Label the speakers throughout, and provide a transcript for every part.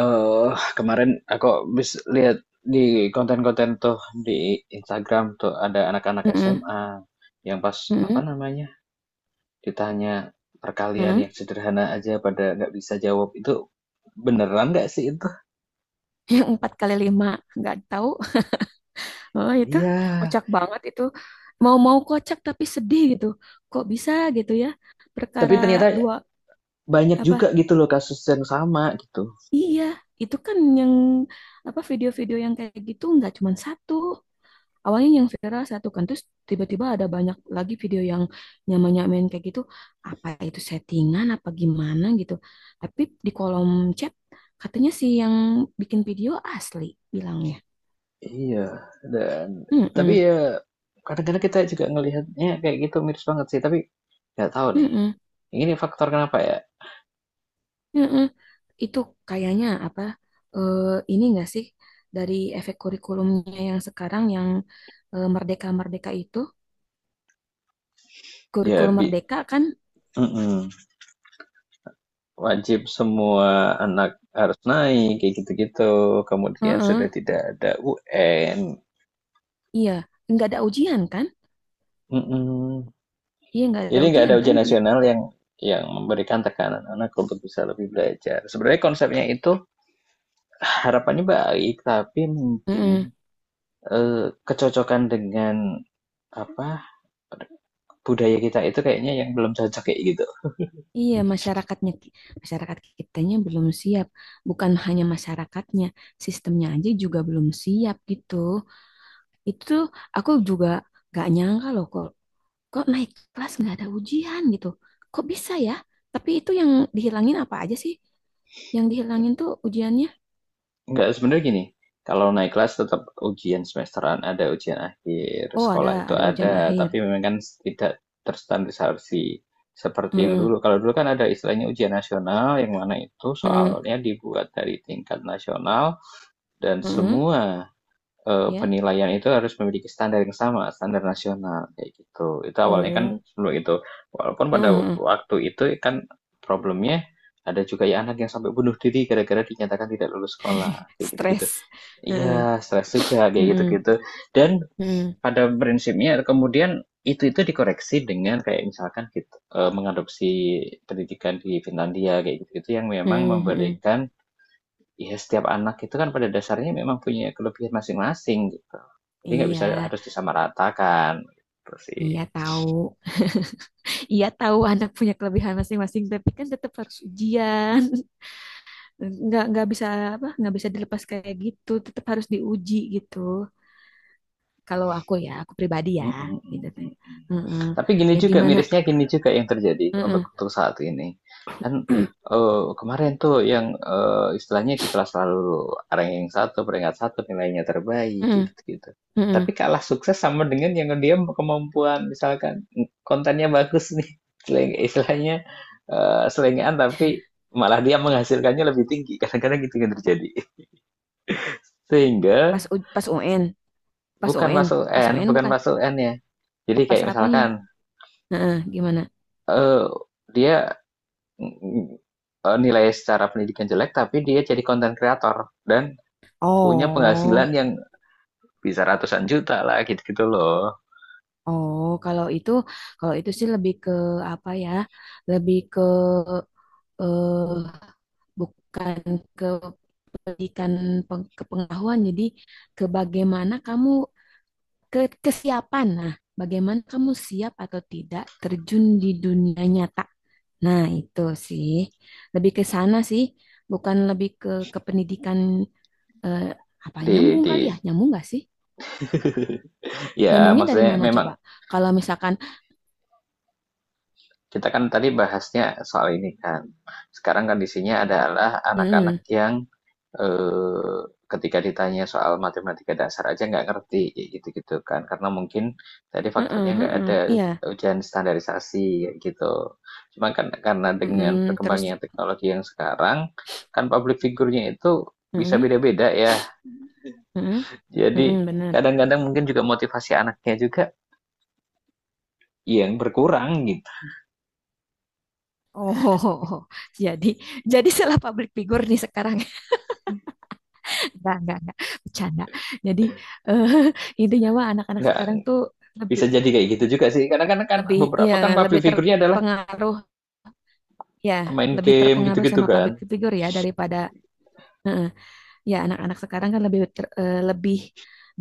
Speaker 1: Eee, Kemarin aku habis lihat di konten-konten tuh di Instagram tuh ada anak-anak
Speaker 2: Mm-mm,
Speaker 1: SMA yang pas, apa
Speaker 2: mm-mm,
Speaker 1: namanya, ditanya perkalian
Speaker 2: mm-mm.
Speaker 1: yang sederhana aja pada nggak bisa jawab. Itu beneran nggak sih itu?
Speaker 2: Yang empat kali lima nggak tahu. Oh, itu
Speaker 1: Iya,
Speaker 2: kocak banget itu. Mau-mau kocak tapi sedih gitu. Kok bisa gitu ya?
Speaker 1: tapi
Speaker 2: Perkara
Speaker 1: ternyata
Speaker 2: dua
Speaker 1: banyak juga
Speaker 2: apa?
Speaker 1: gitu loh kasus yang sama gitu.
Speaker 2: Iya, itu kan yang apa, video-video yang kayak gitu nggak cuma satu. Awalnya yang viral satu kan, terus tiba-tiba ada banyak lagi video yang nyamain-nyamain kayak gitu. Apa itu settingan apa gimana gitu. Tapi di kolom chat katanya sih yang bikin video asli bilangnya.
Speaker 1: Iya, dan tapi
Speaker 2: Mm-mm,
Speaker 1: ya kadang-kadang kita juga ngelihatnya kayak gitu miris banget sih, tapi nggak tahu nih,
Speaker 2: mm-mm,
Speaker 1: ini faktor kenapa ya?
Speaker 2: mm-mm. Itu kayaknya apa? eh, ini enggak sih, dari efek kurikulumnya yang sekarang yang merdeka-merdeka itu,
Speaker 1: Ya
Speaker 2: kurikulum
Speaker 1: bi
Speaker 2: merdeka kan?
Speaker 1: mhm. Wajib semua anak harus naik kayak gitu-gitu. Kemudian
Speaker 2: Heeh,
Speaker 1: sudah tidak ada UN.
Speaker 2: iya, nggak ada ujian kan?
Speaker 1: Mm-mm.
Speaker 2: Iya, nggak ada
Speaker 1: Jadi nggak ada
Speaker 2: ujian kan?
Speaker 1: ujian
Speaker 2: Iya,
Speaker 1: nasional yang memberikan tekanan anak untuk bisa lebih belajar. Sebenarnya konsepnya itu harapannya baik, tapi mungkin
Speaker 2: mm,
Speaker 1: kecocokan dengan apa budaya kita itu kayaknya yang belum cocok kayak gitu.
Speaker 2: iya, masyarakatnya masyarakat kitanya belum siap. Bukan hanya masyarakatnya, sistemnya aja juga belum siap gitu. Itu tuh aku juga gak nyangka loh, kok kok naik kelas nggak ada ujian gitu, kok bisa ya? Tapi itu yang dihilangin apa aja sih, yang dihilangin tuh ujiannya.
Speaker 1: Enggak, sebenarnya gini, kalau naik kelas tetap ujian semesteran ada, ujian akhir
Speaker 2: Oh, ada
Speaker 1: sekolah itu
Speaker 2: ada ujian
Speaker 1: ada,
Speaker 2: akhir.
Speaker 1: tapi memang kan tidak terstandarisasi seperti yang
Speaker 2: Mm-mm,
Speaker 1: dulu. Kalau dulu kan ada istilahnya ujian nasional, yang mana itu
Speaker 2: mm-mm,
Speaker 1: soalnya dibuat dari tingkat nasional dan
Speaker 2: mm-mm,
Speaker 1: semua
Speaker 2: ya,
Speaker 1: penilaian itu harus memiliki standar yang sama, standar nasional kayak gitu. Itu awalnya kan
Speaker 2: oh,
Speaker 1: sebelum itu, walaupun
Speaker 2: mm-mm,
Speaker 1: pada
Speaker 2: mm-mm.
Speaker 1: waktu itu kan problemnya ada juga ya anak yang sampai bunuh diri gara-gara dinyatakan tidak lulus sekolah kayak gitu-gitu.
Speaker 2: Stres. Mm-mm,
Speaker 1: Iya, stres juga kayak
Speaker 2: mm-mm,
Speaker 1: gitu-gitu. Dan
Speaker 2: mm-mm,
Speaker 1: pada prinsipnya kemudian itu-itu dikoreksi dengan kayak misalkan kita mengadopsi pendidikan di Finlandia kayak gitu-gitu yang memang
Speaker 2: mm-mm, mm-mm.
Speaker 1: memberikan ya setiap anak itu kan pada dasarnya memang punya kelebihan masing-masing gitu. Jadi nggak
Speaker 2: Iya,
Speaker 1: bisa harus disamaratakan gitu sih.
Speaker 2: iya tahu, iya tahu anak punya kelebihan masing-masing, tapi kan tetap harus ujian. Nggak bisa, apa, nggak bisa dilepas kayak gitu, tetap harus diuji gitu. Kalau aku ya, aku pribadi ya,
Speaker 1: Mhm mhm
Speaker 2: gitu kan.
Speaker 1: mhm.
Speaker 2: Heeh.
Speaker 1: Tapi gini
Speaker 2: Ya
Speaker 1: juga
Speaker 2: gimana?
Speaker 1: mirisnya gini juga yang terjadi
Speaker 2: Heeh.
Speaker 1: untuk saat ini. Kan, kemarin tuh yang, istilahnya kiklah selalu ranking satu peringkat satu nilainya terbaik,
Speaker 2: Heeh.
Speaker 1: gitu-gitu.
Speaker 2: Heeh.
Speaker 1: Tapi kalah sukses sama dengan yang dia kemampuan misalkan, kontennya bagus nih, seleng istilahnya, selengean tapi malah dia menghasilkannya lebih tinggi, kadang-kadang gitu yang terjadi. Sehingga
Speaker 2: Pas UN, pas
Speaker 1: bukan
Speaker 2: UN,
Speaker 1: masuk
Speaker 2: pas
Speaker 1: N
Speaker 2: UN
Speaker 1: bukan
Speaker 2: bukan,
Speaker 1: masuk N ya. Jadi
Speaker 2: pas
Speaker 1: kayak
Speaker 2: apanya?
Speaker 1: misalkan
Speaker 2: Heeh, gimana?
Speaker 1: Eee, dia, nilai secara pendidikan jelek, tapi dia jadi konten kreator dan punya penghasilan
Speaker 2: Oh,
Speaker 1: yang bisa ratusan juta lah, gitu-gitu loh.
Speaker 2: oh, kalau itu sih lebih ke apa ya? Lebih ke, eh bukan ke pendidikan, kepengetahuan, jadi ke bagaimana kamu. Ke kesiapan. Nah, bagaimana kamu siap atau tidak terjun di dunia nyata? Nah, itu sih. Lebih ke sana sih, bukan lebih ke pendidikan. eh, Apa,
Speaker 1: Di
Speaker 2: nyambung
Speaker 1: di
Speaker 2: kali ya? Nyambung nggak sih?
Speaker 1: ya
Speaker 2: Nyambungnya dari
Speaker 1: maksudnya
Speaker 2: mana
Speaker 1: memang
Speaker 2: coba? Kalau misalkan,
Speaker 1: kita kan tadi bahasnya soal ini kan. Sekarang kondisinya adalah anak-anak
Speaker 2: mm,
Speaker 1: yang, eee, ketika ditanya soal matematika dasar aja nggak ngerti, gitu-gitu kan. Karena mungkin tadi
Speaker 2: heeh,
Speaker 1: faktornya nggak
Speaker 2: heeh,
Speaker 1: ada
Speaker 2: iya,
Speaker 1: ujian standarisasi, gitu. Cuma kan karena dengan
Speaker 2: mm, terus,
Speaker 1: perkembangan teknologi yang sekarang, kan public figure-nya itu bisa beda-beda ya.
Speaker 2: mm,
Speaker 1: Jadi
Speaker 2: mm-mm, benar.
Speaker 1: kadang-kadang mungkin juga motivasi anaknya juga yang berkurang gitu.
Speaker 2: Oh, jadi jadi salah public figure nih sekarang. Enggak, enggak. Bercanda. Jadi, eh, intinya mah anak-anak
Speaker 1: Nggak.
Speaker 2: sekarang tuh lebih
Speaker 1: Bisa jadi kayak gitu juga sih. Karena kan kan
Speaker 2: lebih ya,
Speaker 1: beberapa kan public
Speaker 2: lebih
Speaker 1: figure-nya adalah
Speaker 2: terpengaruh, ya,
Speaker 1: pemain
Speaker 2: lebih
Speaker 1: game
Speaker 2: terpengaruh
Speaker 1: gitu-gitu
Speaker 2: sama
Speaker 1: kan.
Speaker 2: public figure ya, daripada, eh, ya, anak-anak sekarang kan lebih lebih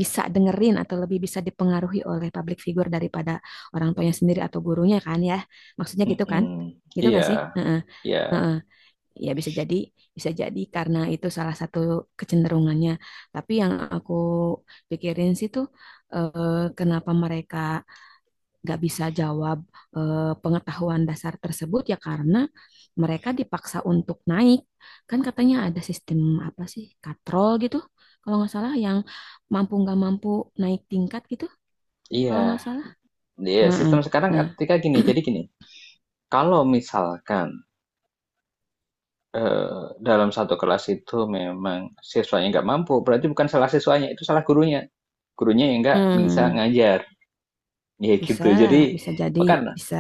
Speaker 2: bisa dengerin, atau lebih bisa dipengaruhi oleh public figure daripada orang tuanya sendiri atau gurunya kan ya. Maksudnya gitu kan?
Speaker 1: Mm-mm.
Speaker 2: Gitu
Speaker 1: Iya,
Speaker 2: nggak sih? Heeh,
Speaker 1: iya,
Speaker 2: heeh. Ya bisa jadi karena itu salah satu kecenderungannya. Tapi yang aku pikirin sih tuh, eh, kenapa mereka nggak bisa jawab, pengetahuan dasar tersebut, ya karena mereka dipaksa untuk naik. Kan katanya ada sistem apa sih, katrol gitu, kalau nggak salah yang mampu nggak mampu naik tingkat gitu, kalau nggak
Speaker 1: iya.
Speaker 2: salah.
Speaker 1: Iya,
Speaker 2: Nah, eh,
Speaker 1: sistem sekarang
Speaker 2: nah,
Speaker 1: ketika gini, jadi gini. Kalau misalkan eh, dalam satu kelas itu memang siswanya nggak mampu, berarti bukan salah siswanya, itu salah gurunya. Gurunya yang nggak bisa
Speaker 2: hmm,
Speaker 1: ngajar. Ya
Speaker 2: bisa,
Speaker 1: gitu. Jadi,
Speaker 2: bisa jadi,
Speaker 1: bukan
Speaker 2: bisa.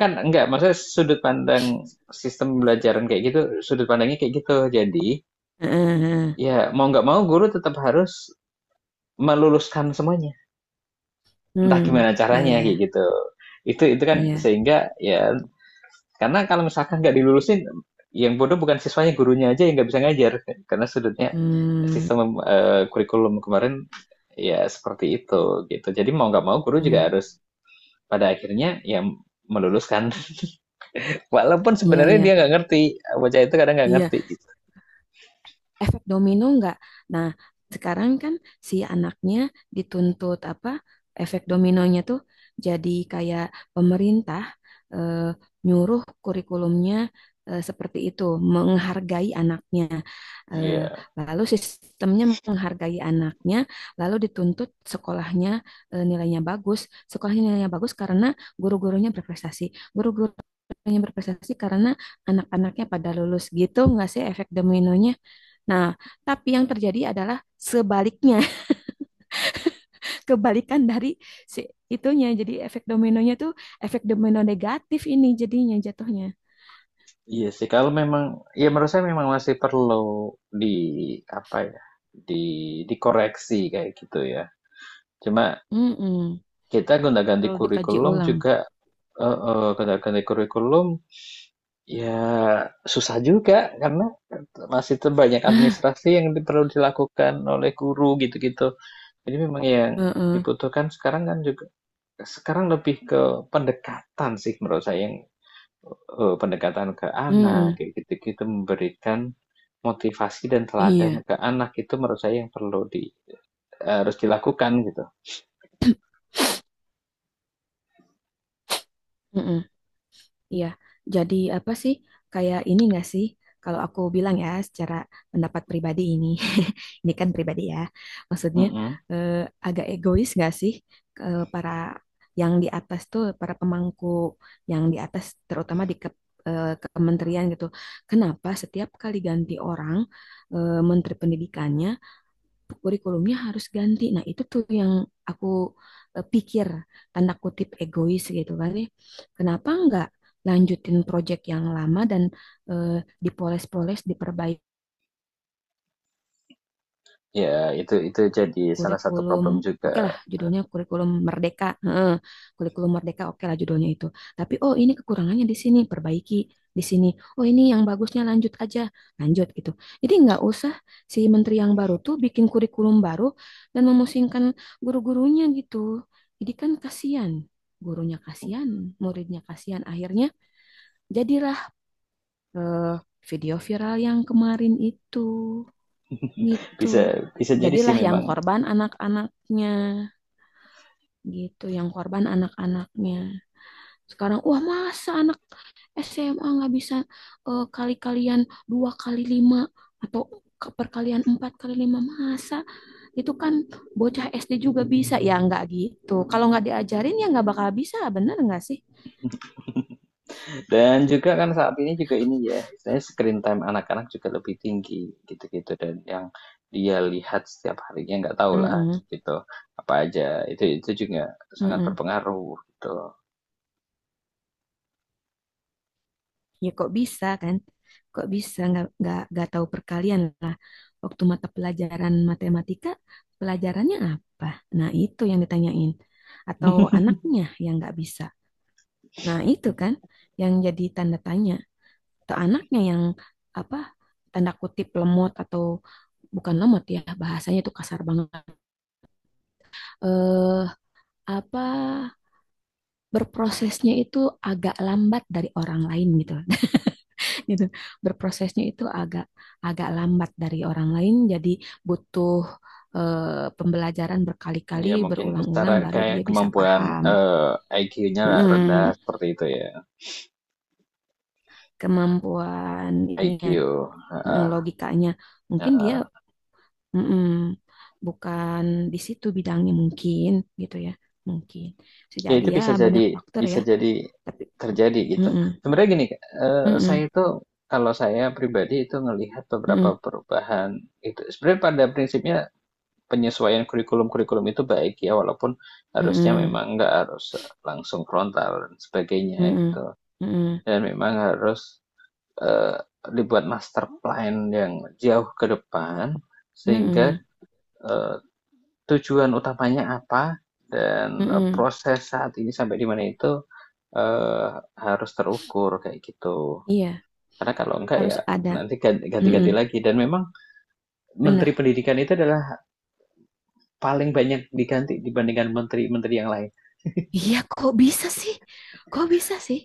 Speaker 1: kan enggak, maksudnya sudut pandang sistem pembelajaran kayak gitu, sudut pandangnya kayak gitu. Jadi,
Speaker 2: Heeh.
Speaker 1: ya mau nggak mau guru tetap harus meluluskan semuanya. Entah
Speaker 2: Hmm,
Speaker 1: gimana
Speaker 2: ya
Speaker 1: caranya
Speaker 2: ya
Speaker 1: kayak
Speaker 2: ya,
Speaker 1: gitu. Itu kan
Speaker 2: iya.
Speaker 1: sehingga ya karena kalau misalkan nggak dilulusin yang bodoh bukan siswanya gurunya aja yang nggak bisa ngajar karena sudutnya
Speaker 2: Hmm,
Speaker 1: sistem kurikulum kemarin ya seperti itu gitu. Jadi mau nggak mau guru
Speaker 2: hmm,
Speaker 1: juga harus pada akhirnya ya meluluskan walaupun
Speaker 2: iya
Speaker 1: sebenarnya
Speaker 2: ya,
Speaker 1: dia nggak ngerti bocah itu kadang nggak
Speaker 2: iya,
Speaker 1: ngerti gitu.
Speaker 2: efek domino enggak? Nah, sekarang kan si anaknya dituntut apa? Efek dominonya tuh jadi kayak pemerintah eh, nyuruh kurikulumnya seperti itu, menghargai anaknya. Eh,
Speaker 1: Iya.
Speaker 2: Lalu sistemnya menghargai anaknya, lalu dituntut sekolahnya nilainya bagus. Sekolahnya nilainya bagus karena guru-gurunya berprestasi. Guru-guru yang berprestasi karena anak-anaknya pada lulus, gitu nggak sih efek dominonya. Nah, tapi yang terjadi adalah sebaliknya, kebalikan dari si itunya. Jadi efek dominonya tuh efek domino negatif, ini jadinya jatuhnya.
Speaker 1: Iya sih, kalau memang, ya menurut saya memang masih perlu di apa ya, di dikoreksi kayak gitu ya. Cuma
Speaker 2: Mm-mm.
Speaker 1: kita gonta-ganti
Speaker 2: Perlu dikaji
Speaker 1: kurikulum
Speaker 2: ulang.
Speaker 1: juga, gonta-ganti kurikulum ya susah juga karena masih terbanyak administrasi yang di- perlu dilakukan oleh guru gitu-gitu. Jadi memang yang
Speaker 2: Heeh.
Speaker 1: dibutuhkan sekarang kan juga sekarang lebih ke pendekatan sih menurut saya yang pendekatan ke anak,
Speaker 2: Mm-mm.
Speaker 1: kayak gitu-gitu, memberikan motivasi dan teladan
Speaker 2: Iya.
Speaker 1: ke anak itu menurut saya yang perlu di harus dilakukan gitu.
Speaker 2: Mm-mm. Iya, jadi apa sih? Kayak ini nggak sih? Kalau aku bilang ya, secara pendapat pribadi ini, ini kan pribadi ya. Maksudnya,
Speaker 1: Mhm.
Speaker 2: eh, agak egois nggak sih, ke para yang di atas tuh, para pemangku yang di atas, terutama di eh, kementerian gitu. Kenapa setiap kali ganti orang, menteri pendidikannya, kurikulumnya harus ganti. Nah, itu tuh yang aku, pikir, tanda kutip egois gitu kan ya. Kenapa nggak lanjutin proyek yang lama dan eh, dipoles-poles, diperbaiki.
Speaker 1: Ya itu jadi salah satu
Speaker 2: Kurikulum,
Speaker 1: problem
Speaker 2: oke
Speaker 1: juga
Speaker 2: lah
Speaker 1: gitu.
Speaker 2: judulnya kurikulum merdeka, heeh, kurikulum merdeka oke lah judulnya itu, tapi oh ini kekurangannya di sini perbaiki di sini, oh ini yang bagusnya lanjut aja, lanjut gitu. Jadi nggak usah si menteri yang baru tuh bikin kurikulum baru dan memusingkan guru-gurunya gitu. Jadi kan kasihan gurunya, kasihan muridnya, kasihan, akhirnya jadilah, eh, video viral yang kemarin itu, gitu.
Speaker 1: Bisa bisa jadi sih
Speaker 2: Jadilah yang
Speaker 1: memang
Speaker 2: korban anak-anaknya gitu, yang korban anak-anaknya sekarang. Wah, masa anak SMA nggak bisa, kali-kalian dua kali lima atau perkalian empat kali lima, masa? Itu kan bocah SD juga bisa, ya nggak? Gitu, kalau nggak diajarin ya nggak bakal bisa, bener nggak sih?
Speaker 1: dan juga kan saat ini juga ini ya, istilahnya screen time anak-anak juga lebih tinggi gitu-gitu dan yang dia lihat setiap harinya nggak tahu lah
Speaker 2: Mm-mm,
Speaker 1: gitu, apa aja. Itu juga sangat
Speaker 2: mm-mm.
Speaker 1: berpengaruh gitu.
Speaker 2: Ya kok bisa kan, kok bisa nggak tahu perkalian lah. Waktu mata pelajaran matematika pelajarannya apa, nah itu yang ditanyain, atau anaknya yang nggak bisa, nah itu kan yang jadi tanda tanya. Atau anaknya yang apa, tanda kutip lemot, atau bukan lemot ya, bahasanya itu kasar banget, eh apa, berprosesnya itu agak lambat dari orang lain gitu, gitu. Berprosesnya itu agak agak lambat dari orang lain, jadi butuh, pembelajaran berkali-kali,
Speaker 1: Iya mungkin secara
Speaker 2: berulang-ulang, baru
Speaker 1: kayak
Speaker 2: dia bisa
Speaker 1: kemampuan
Speaker 2: paham.
Speaker 1: IQ-nya rendah
Speaker 2: Mm,
Speaker 1: seperti itu ya.
Speaker 2: kemampuan ininya,
Speaker 1: IQ.
Speaker 2: mm,
Speaker 1: Heeh,
Speaker 2: logikanya. Mungkin dia,
Speaker 1: heeh.
Speaker 2: mm, bukan di situ bidangnya mungkin, gitu ya. Mungkin. Bisa
Speaker 1: Ya
Speaker 2: jadi
Speaker 1: itu
Speaker 2: ya, banyak faktor
Speaker 1: bisa
Speaker 2: ya,
Speaker 1: jadi
Speaker 2: tapi,
Speaker 1: terjadi
Speaker 2: mm,
Speaker 1: gitu.
Speaker 2: mm,
Speaker 1: Sebenarnya gini, Kak, saya
Speaker 2: mm,
Speaker 1: itu kalau saya pribadi itu ngelihat beberapa
Speaker 2: mm,
Speaker 1: perubahan itu sebenarnya pada prinsipnya penyesuaian kurikulum-kurikulum itu baik ya walaupun harusnya
Speaker 2: mm,
Speaker 1: memang nggak harus langsung frontal dan sebagainya
Speaker 2: mm,
Speaker 1: gitu.
Speaker 2: mm, mm,
Speaker 1: Dan memang harus eee, dibuat master plan yang jauh ke depan, sehingga,
Speaker 2: mm,
Speaker 1: eee, tujuan utamanya apa,
Speaker 2: mm,
Speaker 1: dan,
Speaker 2: mm.
Speaker 1: proses saat ini sampai di mana itu, eee, harus terukur, kayak gitu.
Speaker 2: Iya,
Speaker 1: Karena kalau enggak
Speaker 2: harus
Speaker 1: ya
Speaker 2: ada.
Speaker 1: nanti ganti-ganti
Speaker 2: Mm-mm.
Speaker 1: lagi dan memang menteri
Speaker 2: Bener.
Speaker 1: pendidikan itu adalah paling banyak diganti dibandingkan menteri-menteri yang lain.
Speaker 2: Iya, kok bisa sih? Kok bisa sih?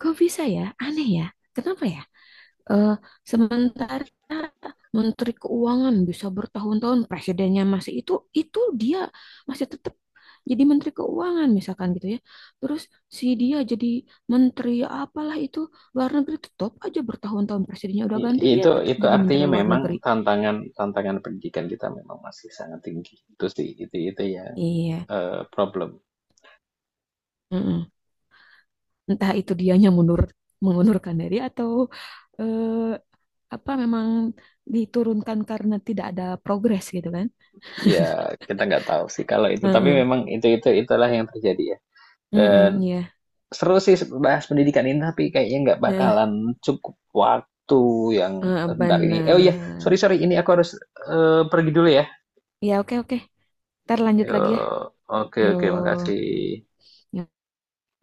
Speaker 2: Kok bisa ya? Aneh ya. Kenapa ya? Eh, Sementara Menteri Keuangan bisa bertahun-tahun, presidennya masih itu dia masih tetap jadi Menteri Keuangan misalkan gitu ya. Terus si dia jadi Menteri apalah itu, luar negeri, tetap aja bertahun-tahun presidennya udah ganti, dia
Speaker 1: itu
Speaker 2: tetap
Speaker 1: itu
Speaker 2: jadi Menteri
Speaker 1: artinya
Speaker 2: Luar Negeri.
Speaker 1: memang tantangan tantangan pendidikan kita memang masih sangat tinggi. Itu sih, itu yang,
Speaker 2: Iya,
Speaker 1: problem.
Speaker 2: mm-mm. Entah itu dianya mundur, mengundurkan diri, atau eh, apa memang diturunkan karena tidak ada progres gitu kan?
Speaker 1: Ya kita nggak tahu sih kalau itu tapi
Speaker 2: Heeh.
Speaker 1: memang itu itulah yang terjadi ya. Dan
Speaker 2: Heeh, iya.
Speaker 1: seru sih bahas pendidikan ini tapi kayaknya nggak
Speaker 2: Nah,
Speaker 1: bakalan cukup waktu yang
Speaker 2: heeh,
Speaker 1: bentar ini oh iya
Speaker 2: benar.
Speaker 1: sorry sorry ini aku harus pergi dulu ya.
Speaker 2: Ya, oke oke. Ntar lanjut
Speaker 1: Yo,
Speaker 2: lagi ya.
Speaker 1: oke
Speaker 2: Yo.
Speaker 1: oke makasih.
Speaker 2: Yo.